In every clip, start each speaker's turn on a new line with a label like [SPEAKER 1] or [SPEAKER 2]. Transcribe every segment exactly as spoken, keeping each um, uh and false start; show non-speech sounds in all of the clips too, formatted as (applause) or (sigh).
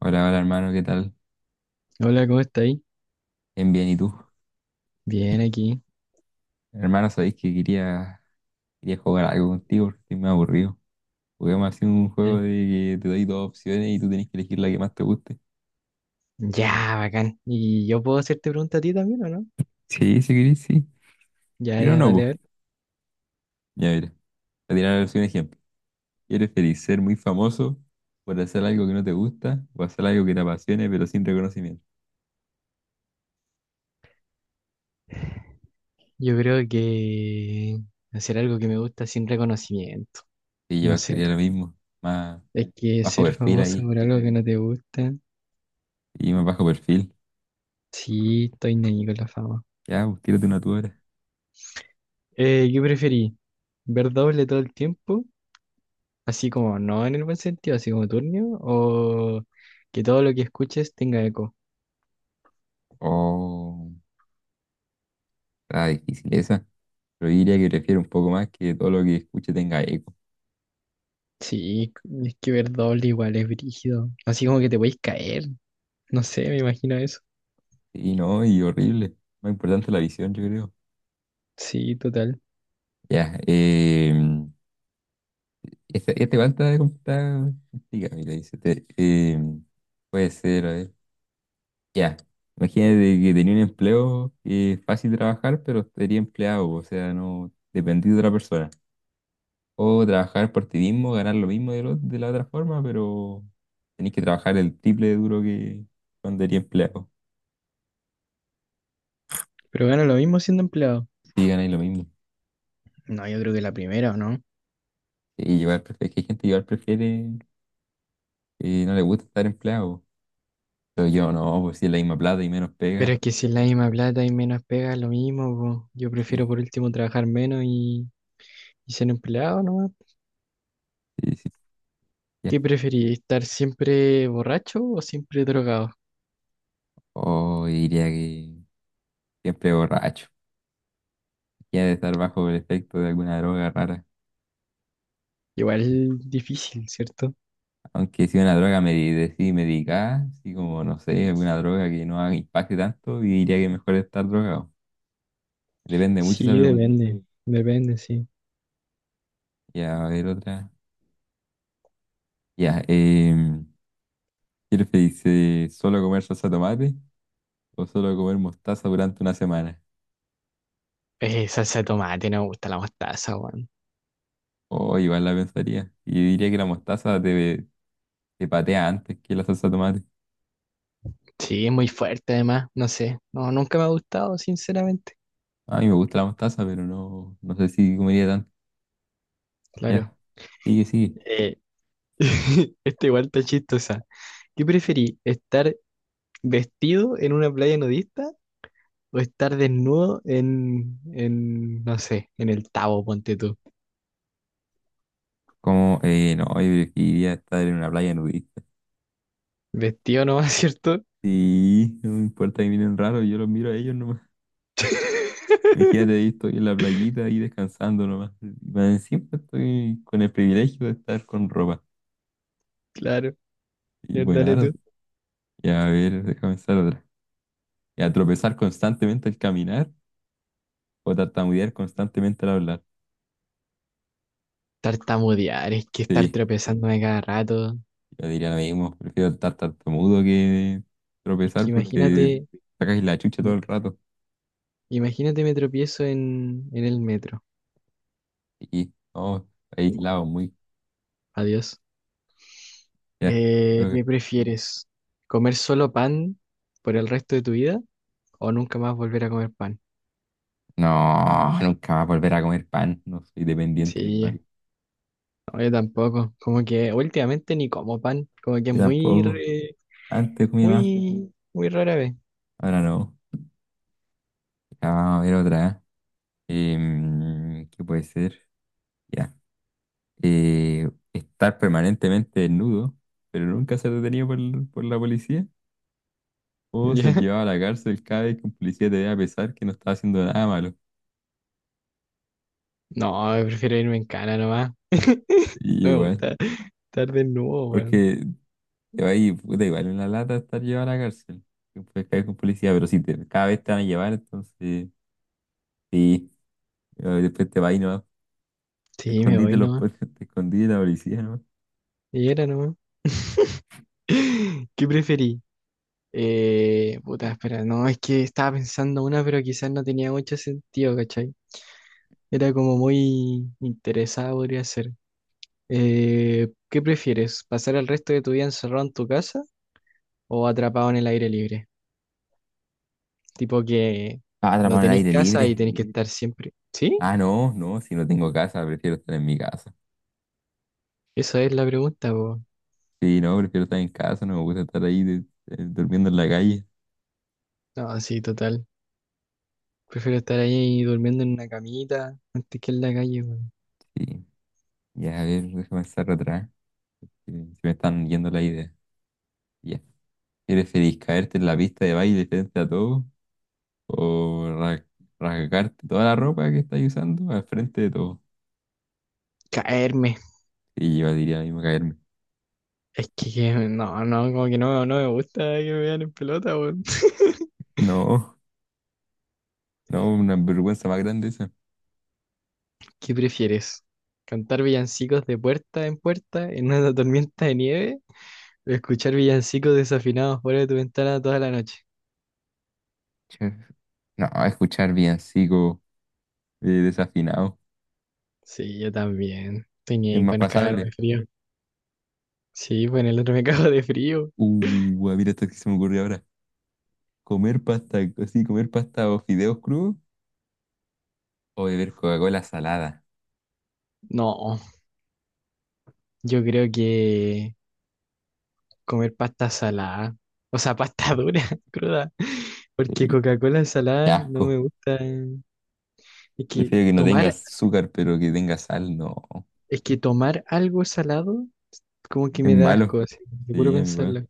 [SPEAKER 1] Hola, hola hermano, ¿qué tal?
[SPEAKER 2] Hola, ¿cómo estáis?
[SPEAKER 1] Bien, bien, ¿y tú?
[SPEAKER 2] Bien, aquí.
[SPEAKER 1] Hermano, sabéis que quería, quería jugar algo contigo porque estoy muy aburrido. Juguemos así un juego
[SPEAKER 2] Eh,
[SPEAKER 1] de que te doy dos opciones y tú tenés que elegir la que más te guste.
[SPEAKER 2] Ya, bacán. ¿Y yo puedo hacerte pregunta a ti también o no?
[SPEAKER 1] Sí, si querés, sí.
[SPEAKER 2] Ya,
[SPEAKER 1] Y no,
[SPEAKER 2] ya,
[SPEAKER 1] no,
[SPEAKER 2] dale, a
[SPEAKER 1] pues.
[SPEAKER 2] ver.
[SPEAKER 1] Ya mira, te diré ahora sí un ejemplo. ¿Quieres feliz ser muy famoso por hacer algo que no te gusta o hacer algo que te apasione pero sin reconocimiento?
[SPEAKER 2] Yo creo que hacer algo que me gusta sin reconocimiento.
[SPEAKER 1] Sí,
[SPEAKER 2] No
[SPEAKER 1] yo
[SPEAKER 2] sé
[SPEAKER 1] quería
[SPEAKER 2] tú.
[SPEAKER 1] lo mismo, más
[SPEAKER 2] Es que
[SPEAKER 1] bajo
[SPEAKER 2] ser
[SPEAKER 1] perfil
[SPEAKER 2] famoso
[SPEAKER 1] ahí,
[SPEAKER 2] por algo que no te gusta.
[SPEAKER 1] y más bajo perfil.
[SPEAKER 2] Sí, estoy ahí con la fama.
[SPEAKER 1] Ya, pues tírate una tú ahora.
[SPEAKER 2] Eh, ¿qué preferí? ¿Ver doble todo el tiempo? Así como no en el buen sentido, así como turnio. ¿O que todo lo que escuches tenga eco?
[SPEAKER 1] Oh, está difícil esa. Pero yo diría que prefiero un poco más que todo lo que escuche tenga eco.
[SPEAKER 2] Sí, es que ver doble igual es brígido. Así como que te podéis caer. No sé, me imagino eso.
[SPEAKER 1] Sí, no, y horrible. Más importante la visión, yo creo.
[SPEAKER 2] Sí, total.
[SPEAKER 1] Ya, eh, esta, esta igual está está complicada, mira, dice, te- eh, puede ser, a ver. Ya, imagínate que tenía un empleo que es fácil trabajar, pero sería empleado, o sea, no dependí de otra persona. O trabajar por ti mismo, ganar lo mismo de, lo- de la otra forma, pero tenés que trabajar el triple de duro que cuando eres empleado.
[SPEAKER 2] Pero gano lo mismo siendo empleado.
[SPEAKER 1] Sí, ganáis lo mismo.
[SPEAKER 2] No, yo creo que la primera, ¿o no?
[SPEAKER 1] Y igual prefiere, es que hay gente que igual prefiere y no le gusta estar empleado. Pero yo no, pues si es la misma plata y menos
[SPEAKER 2] Pero
[SPEAKER 1] pega.
[SPEAKER 2] es que si es la misma plata y menos pega, lo mismo, po. Yo prefiero
[SPEAKER 1] Sí,
[SPEAKER 2] por último trabajar menos y, y ser empleado, ¿no?
[SPEAKER 1] sí, sí. Ya.
[SPEAKER 2] ¿Qué preferís? ¿Estar siempre borracho o siempre drogado?
[SPEAKER 1] O diría que siempre borracho. Ya de estar bajo el efecto de alguna droga rara.
[SPEAKER 2] Igual difícil, ¿cierto?
[SPEAKER 1] Aunque si una droga me decidí medicada, así como no sé, alguna droga que no haga impacte tanto, y diría que mejor estar drogado. Depende mucho esa
[SPEAKER 2] Sí,
[SPEAKER 1] pregunta.
[SPEAKER 2] depende. Depende, sí.
[SPEAKER 1] Ya, a ver otra. Ya, eh, ¿qué dice solo comer salsa de tomate o solo comer mostaza durante una semana?
[SPEAKER 2] Eh, salsa de tomate, no me gusta la mostaza, weón.
[SPEAKER 1] Oh, igual la pensaría. Y yo diría que la mostaza te, te patea antes que la salsa de tomate.
[SPEAKER 2] Sí, es muy fuerte además, no sé. No, nunca me ha gustado, sinceramente.
[SPEAKER 1] A mí me gusta la mostaza, pero no, no sé si comería tanto.
[SPEAKER 2] Claro.
[SPEAKER 1] Ya, sigue, sigue.
[SPEAKER 2] Eh, (laughs) Esta igual está chistosa. ¿Qué preferí? ¿Estar vestido en una playa nudista o estar desnudo en, en, no sé, en el Tabo, ponte tú?
[SPEAKER 1] Como, eh, no, yo preferiría estar en una playa nudista.
[SPEAKER 2] Vestido nomás, ¿cierto?
[SPEAKER 1] Sí, no me importa que miren raro, yo los miro a ellos nomás. Imagínate,
[SPEAKER 2] (laughs)
[SPEAKER 1] ahí estoy en la playita ahí descansando nomás. Y más encima estoy con el privilegio de estar con ropa.
[SPEAKER 2] Claro,
[SPEAKER 1] Y
[SPEAKER 2] ya, dale tú.
[SPEAKER 1] bueno, ya a ver, déjame pensar otra. Y a tropezar constantemente al caminar o tartamudear constantemente al hablar.
[SPEAKER 2] Tartamudear, es que estar
[SPEAKER 1] Sí.
[SPEAKER 2] tropezándome cada rato.
[SPEAKER 1] Yo diría lo mismo, prefiero estar tartamudo que
[SPEAKER 2] Es
[SPEAKER 1] tropezar
[SPEAKER 2] que
[SPEAKER 1] porque
[SPEAKER 2] imagínate,
[SPEAKER 1] sacas la chucha todo
[SPEAKER 2] me-
[SPEAKER 1] el rato.
[SPEAKER 2] imagínate me tropiezo en, en el metro.
[SPEAKER 1] Y no, aislado muy.
[SPEAKER 2] Adiós.
[SPEAKER 1] Ya, te
[SPEAKER 2] Eh, ¿qué
[SPEAKER 1] toca.
[SPEAKER 2] prefieres? ¿Comer solo pan por el resto de tu vida o nunca más volver a comer pan?
[SPEAKER 1] No, nunca más volver a comer pan. No soy dependiente del
[SPEAKER 2] Sí,
[SPEAKER 1] pan.
[SPEAKER 2] no, yo tampoco. Como que últimamente ni como pan. Como que es
[SPEAKER 1] Yo
[SPEAKER 2] muy,
[SPEAKER 1] tampoco.
[SPEAKER 2] re-
[SPEAKER 1] Antes comía más,
[SPEAKER 2] muy, muy rara vez.
[SPEAKER 1] ahora no. Ya, vamos a ver otra. Eh, ¿qué puede ser? Ya. Eh, estar permanentemente desnudo, pero nunca ser detenido por, por la policía.
[SPEAKER 2] (laughs)
[SPEAKER 1] O
[SPEAKER 2] ¿Ya?
[SPEAKER 1] ser llevado a la cárcel cada vez que un policía te vea a pesar que no está haciendo nada malo.
[SPEAKER 2] No, prefiero irme en cana nomás. (laughs)
[SPEAKER 1] Y
[SPEAKER 2] No me
[SPEAKER 1] igual,
[SPEAKER 2] gusta estar desnudo, weón.
[SPEAKER 1] porque te va a ir, puta, igual en la lata estar llevado a la cárcel. Que puedes caer con policía, pero si te, cada vez te van a llevar, entonces sí, pero después te va y no. Te
[SPEAKER 2] Sí, me
[SPEAKER 1] escondiste
[SPEAKER 2] voy
[SPEAKER 1] los,
[SPEAKER 2] nomás.
[SPEAKER 1] po- (laughs) te escondí de la policía, ¿no?
[SPEAKER 2] Y era nomás. (laughs) ¿Qué preferí? Eh, puta, espera, no, es que estaba pensando una, pero quizás no tenía mucho sentido, ¿cachai? Era como muy interesada, podría ser. Eh, ¿qué prefieres? ¿Pasar el resto de tu vida encerrado en tu casa o atrapado en el aire libre? Tipo que
[SPEAKER 1] Ah,
[SPEAKER 2] no
[SPEAKER 1] atrapado en el
[SPEAKER 2] tenéis
[SPEAKER 1] aire
[SPEAKER 2] casa y
[SPEAKER 1] libre.
[SPEAKER 2] tenéis que estar siempre. ¿Sí?
[SPEAKER 1] Ah, no, no, si no tengo casa, prefiero estar en mi casa.
[SPEAKER 2] Esa es la pregunta, po.
[SPEAKER 1] Sí, no, prefiero estar en casa, no me gusta estar ahí de- eh, durmiendo en la calle.
[SPEAKER 2] No, sí, total. Prefiero estar ahí durmiendo en una camita antes que en la calle, weón.
[SPEAKER 1] Sí, ya, a ver, déjame estar atrás, que se me están yendo la idea. Ya, ¿prefieres caerte en la pista de baile frente a todos? O ra- rasgarte toda la ropa que estás usando al frente de todo.
[SPEAKER 2] Caerme.
[SPEAKER 1] Y yo diría a mí me caerme.
[SPEAKER 2] Es que que- no, no, como que no, no me gusta que me vean en pelota, weón. (laughs)
[SPEAKER 1] No, no, una vergüenza más grande esa.
[SPEAKER 2] ¿Qué prefieres? ¿Cantar villancicos de puerta en puerta en una tormenta de nieve? ¿O escuchar villancicos desafinados fuera de tu ventana toda la noche?
[SPEAKER 1] Che, no, escuchar villancico eh, desafinado.
[SPEAKER 2] Sí, yo también. Tenía
[SPEAKER 1] Es
[SPEAKER 2] ahí
[SPEAKER 1] más
[SPEAKER 2] con cagarme
[SPEAKER 1] pasable.
[SPEAKER 2] de frío. Sí, bueno, el otro me (laughs) cago de frío.
[SPEAKER 1] Uh, ah, mira esto que se me ocurrió ahora. Comer pasta, así, comer pasta o fideos crudos o beber Coca-Cola salada.
[SPEAKER 2] No, yo creo que comer pasta salada, o sea, pasta dura, (laughs) cruda, porque
[SPEAKER 1] Sí,
[SPEAKER 2] Coca-Cola
[SPEAKER 1] qué
[SPEAKER 2] salada no me
[SPEAKER 1] asco.
[SPEAKER 2] gusta. Es que
[SPEAKER 1] Prefiero que no tenga
[SPEAKER 2] tomar,
[SPEAKER 1] azúcar, pero que tenga sal, no.
[SPEAKER 2] es que tomar algo salado como que
[SPEAKER 1] Es
[SPEAKER 2] me da asco,
[SPEAKER 1] malo.
[SPEAKER 2] así, te juro
[SPEAKER 1] Sí, amigo,
[SPEAKER 2] pensarlo.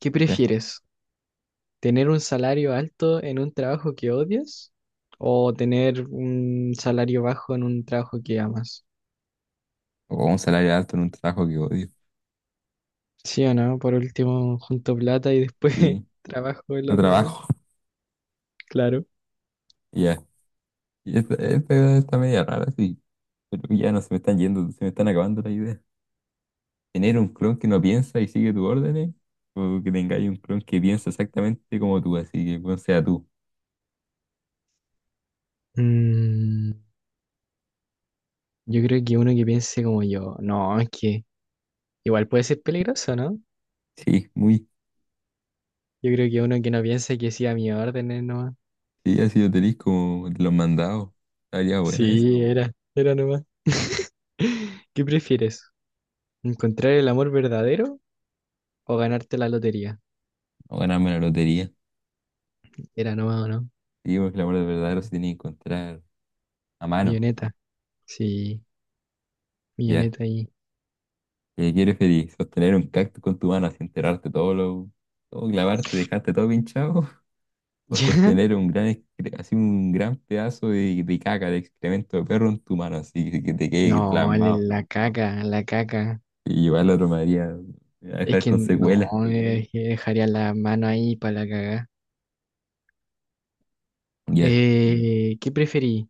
[SPEAKER 2] ¿Qué
[SPEAKER 1] ya.
[SPEAKER 2] prefieres? ¿Tener un salario alto en un trabajo que odias o tener un salario bajo en un trabajo que amas?
[SPEAKER 1] O un salario alto en un trabajo que odio.
[SPEAKER 2] ¿Sí o no? Por último, junto plata y después (laughs)
[SPEAKER 1] Sí,
[SPEAKER 2] trabajo el
[SPEAKER 1] no
[SPEAKER 2] otro, güey.
[SPEAKER 1] trabajo.
[SPEAKER 2] Claro.
[SPEAKER 1] Ya, y Esta, esta está media rara, sí. Pero ya no se me están yendo, se me están acabando las ideas. ¿Tener un clon que no piensa y sigue tus órdenes? ¿O que tengáis un clon que piensa exactamente como tú, así que bueno, sea tú?
[SPEAKER 2] Mm, yo creo que uno que piense como yo, no, es que igual puede ser peligroso, ¿no?
[SPEAKER 1] Sí, muy.
[SPEAKER 2] Yo creo que uno que no piense que sí a mi orden es nomás.
[SPEAKER 1] Sí, así lo tenéis como de los mandados. Estaría buena esa.
[SPEAKER 2] Sí, no, era, era nomás. (laughs) ¿Qué prefieres? ¿Encontrar el amor verdadero o ganarte la lotería?
[SPEAKER 1] O ganarme la lotería.
[SPEAKER 2] Era nomás, ¿o no?
[SPEAKER 1] Sí, porque el amor verdadero se tiene que encontrar a mano.
[SPEAKER 2] Milloneta, sí,
[SPEAKER 1] Ya.
[SPEAKER 2] milloneta ahí.
[SPEAKER 1] ¿Qué quieres feliz? Sostener un cactus con tu mano así enterarte todo lo. Todo clavarte, dejarte todo pinchado.
[SPEAKER 2] (laughs)
[SPEAKER 1] O
[SPEAKER 2] ¿Ya?
[SPEAKER 1] sostener un gran, excre- así un gran pedazo de, de caca, de excremento de perro en tu mano, así que te
[SPEAKER 2] No,
[SPEAKER 1] quede
[SPEAKER 2] el-
[SPEAKER 1] plasmado.
[SPEAKER 2] la caca, la caca.
[SPEAKER 1] Y llevarlo a otro Madrid a
[SPEAKER 2] Es
[SPEAKER 1] dejar
[SPEAKER 2] que
[SPEAKER 1] con
[SPEAKER 2] no,
[SPEAKER 1] secuelas.
[SPEAKER 2] sí, eh, que dejaría la mano ahí para la caga. Mm.
[SPEAKER 1] Ya.
[SPEAKER 2] Eh, ¿qué preferí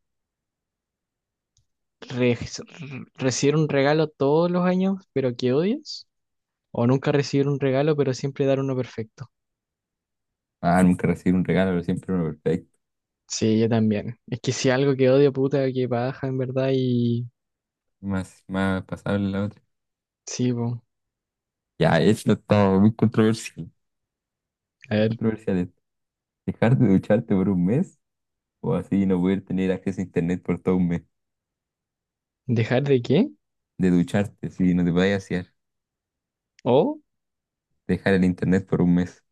[SPEAKER 2] re- recibir un regalo todos los años, pero que odias? ¿O nunca recibir un regalo, pero siempre dar uno perfecto?
[SPEAKER 1] Ah, nunca recibir un regalo, pero siempre uno perfecto.
[SPEAKER 2] Sí, yo también. Es que si algo que odio, puta, que baja en verdad y...
[SPEAKER 1] Más, más pasable la otra.
[SPEAKER 2] Sí, po.
[SPEAKER 1] Ya, esto está muy controversial.
[SPEAKER 2] A
[SPEAKER 1] Muy
[SPEAKER 2] ver,
[SPEAKER 1] controversial esto. Dejar de ducharte por un mes o así no poder tener acceso a internet por todo un mes.
[SPEAKER 2] ¿dejar de qué?
[SPEAKER 1] De ducharte, si no te vayas a hacer.
[SPEAKER 2] ¿O?
[SPEAKER 1] Dejar el internet por un mes.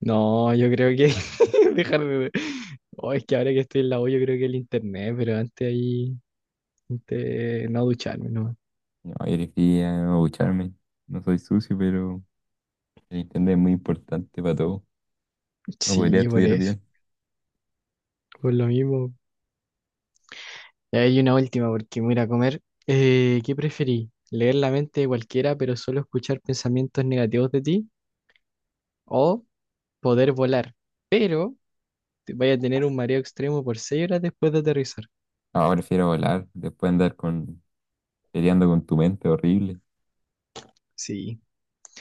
[SPEAKER 2] No, yo creo que (laughs) dejar de... Oh, es que ahora que estoy en la U, yo creo que el internet, pero antes ahí... antes no ducharme, no.
[SPEAKER 1] No, yo elegiría no ducharme. No soy sucio, pero el internet es muy importante para todo. No podría
[SPEAKER 2] Sí, por
[SPEAKER 1] estudiar
[SPEAKER 2] eso.
[SPEAKER 1] bien.
[SPEAKER 2] Por lo mismo. Y hay una última porque me voy a ir a comer. Eh, ¿qué preferí? ¿Leer la mente de cualquiera, pero solo escuchar pensamientos negativos de ti? ¿O poder volar, pero te vaya a tener un mareo extremo por seis horas después de aterrizar?
[SPEAKER 1] Ahora prefiero volar, después andar con, peleando con tu mente horrible.
[SPEAKER 2] Sí,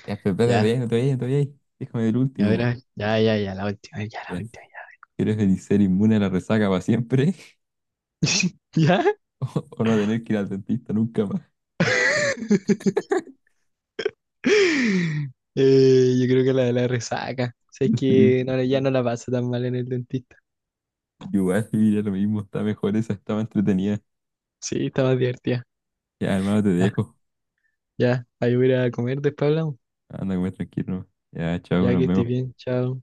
[SPEAKER 1] Ya, pero espérate, no te
[SPEAKER 2] ya.
[SPEAKER 1] vayas, no te vayas, no te vayas. Déjame ver el
[SPEAKER 2] A ver,
[SPEAKER 1] último, po.
[SPEAKER 2] a ya, ya, ya, la última, ya, la
[SPEAKER 1] Ya.
[SPEAKER 2] última, ya.
[SPEAKER 1] ¿Quieres venir ser inmune a la resaca para siempre?
[SPEAKER 2] (laughs) ¿Ya?
[SPEAKER 1] (laughs) ¿O, o no tener que ir al dentista nunca más?
[SPEAKER 2] (laughs) Eh, yo creo que la de la resaca. O sea, es
[SPEAKER 1] (laughs) Sí.
[SPEAKER 2] que no, ya no la paso tan mal en el dentista.
[SPEAKER 1] Igual, mira, lo mismo, está mejor esa, estaba entretenida.
[SPEAKER 2] Sí, está más divertida.
[SPEAKER 1] Ya, hermano, te
[SPEAKER 2] Ya,
[SPEAKER 1] dejo.
[SPEAKER 2] ya. Ahí voy a ir a comer, después hablamos.
[SPEAKER 1] Anda, comer tranquilo. Ya, chao,
[SPEAKER 2] Ya que
[SPEAKER 1] nos
[SPEAKER 2] ya, estés
[SPEAKER 1] vemos.
[SPEAKER 2] bien, chao.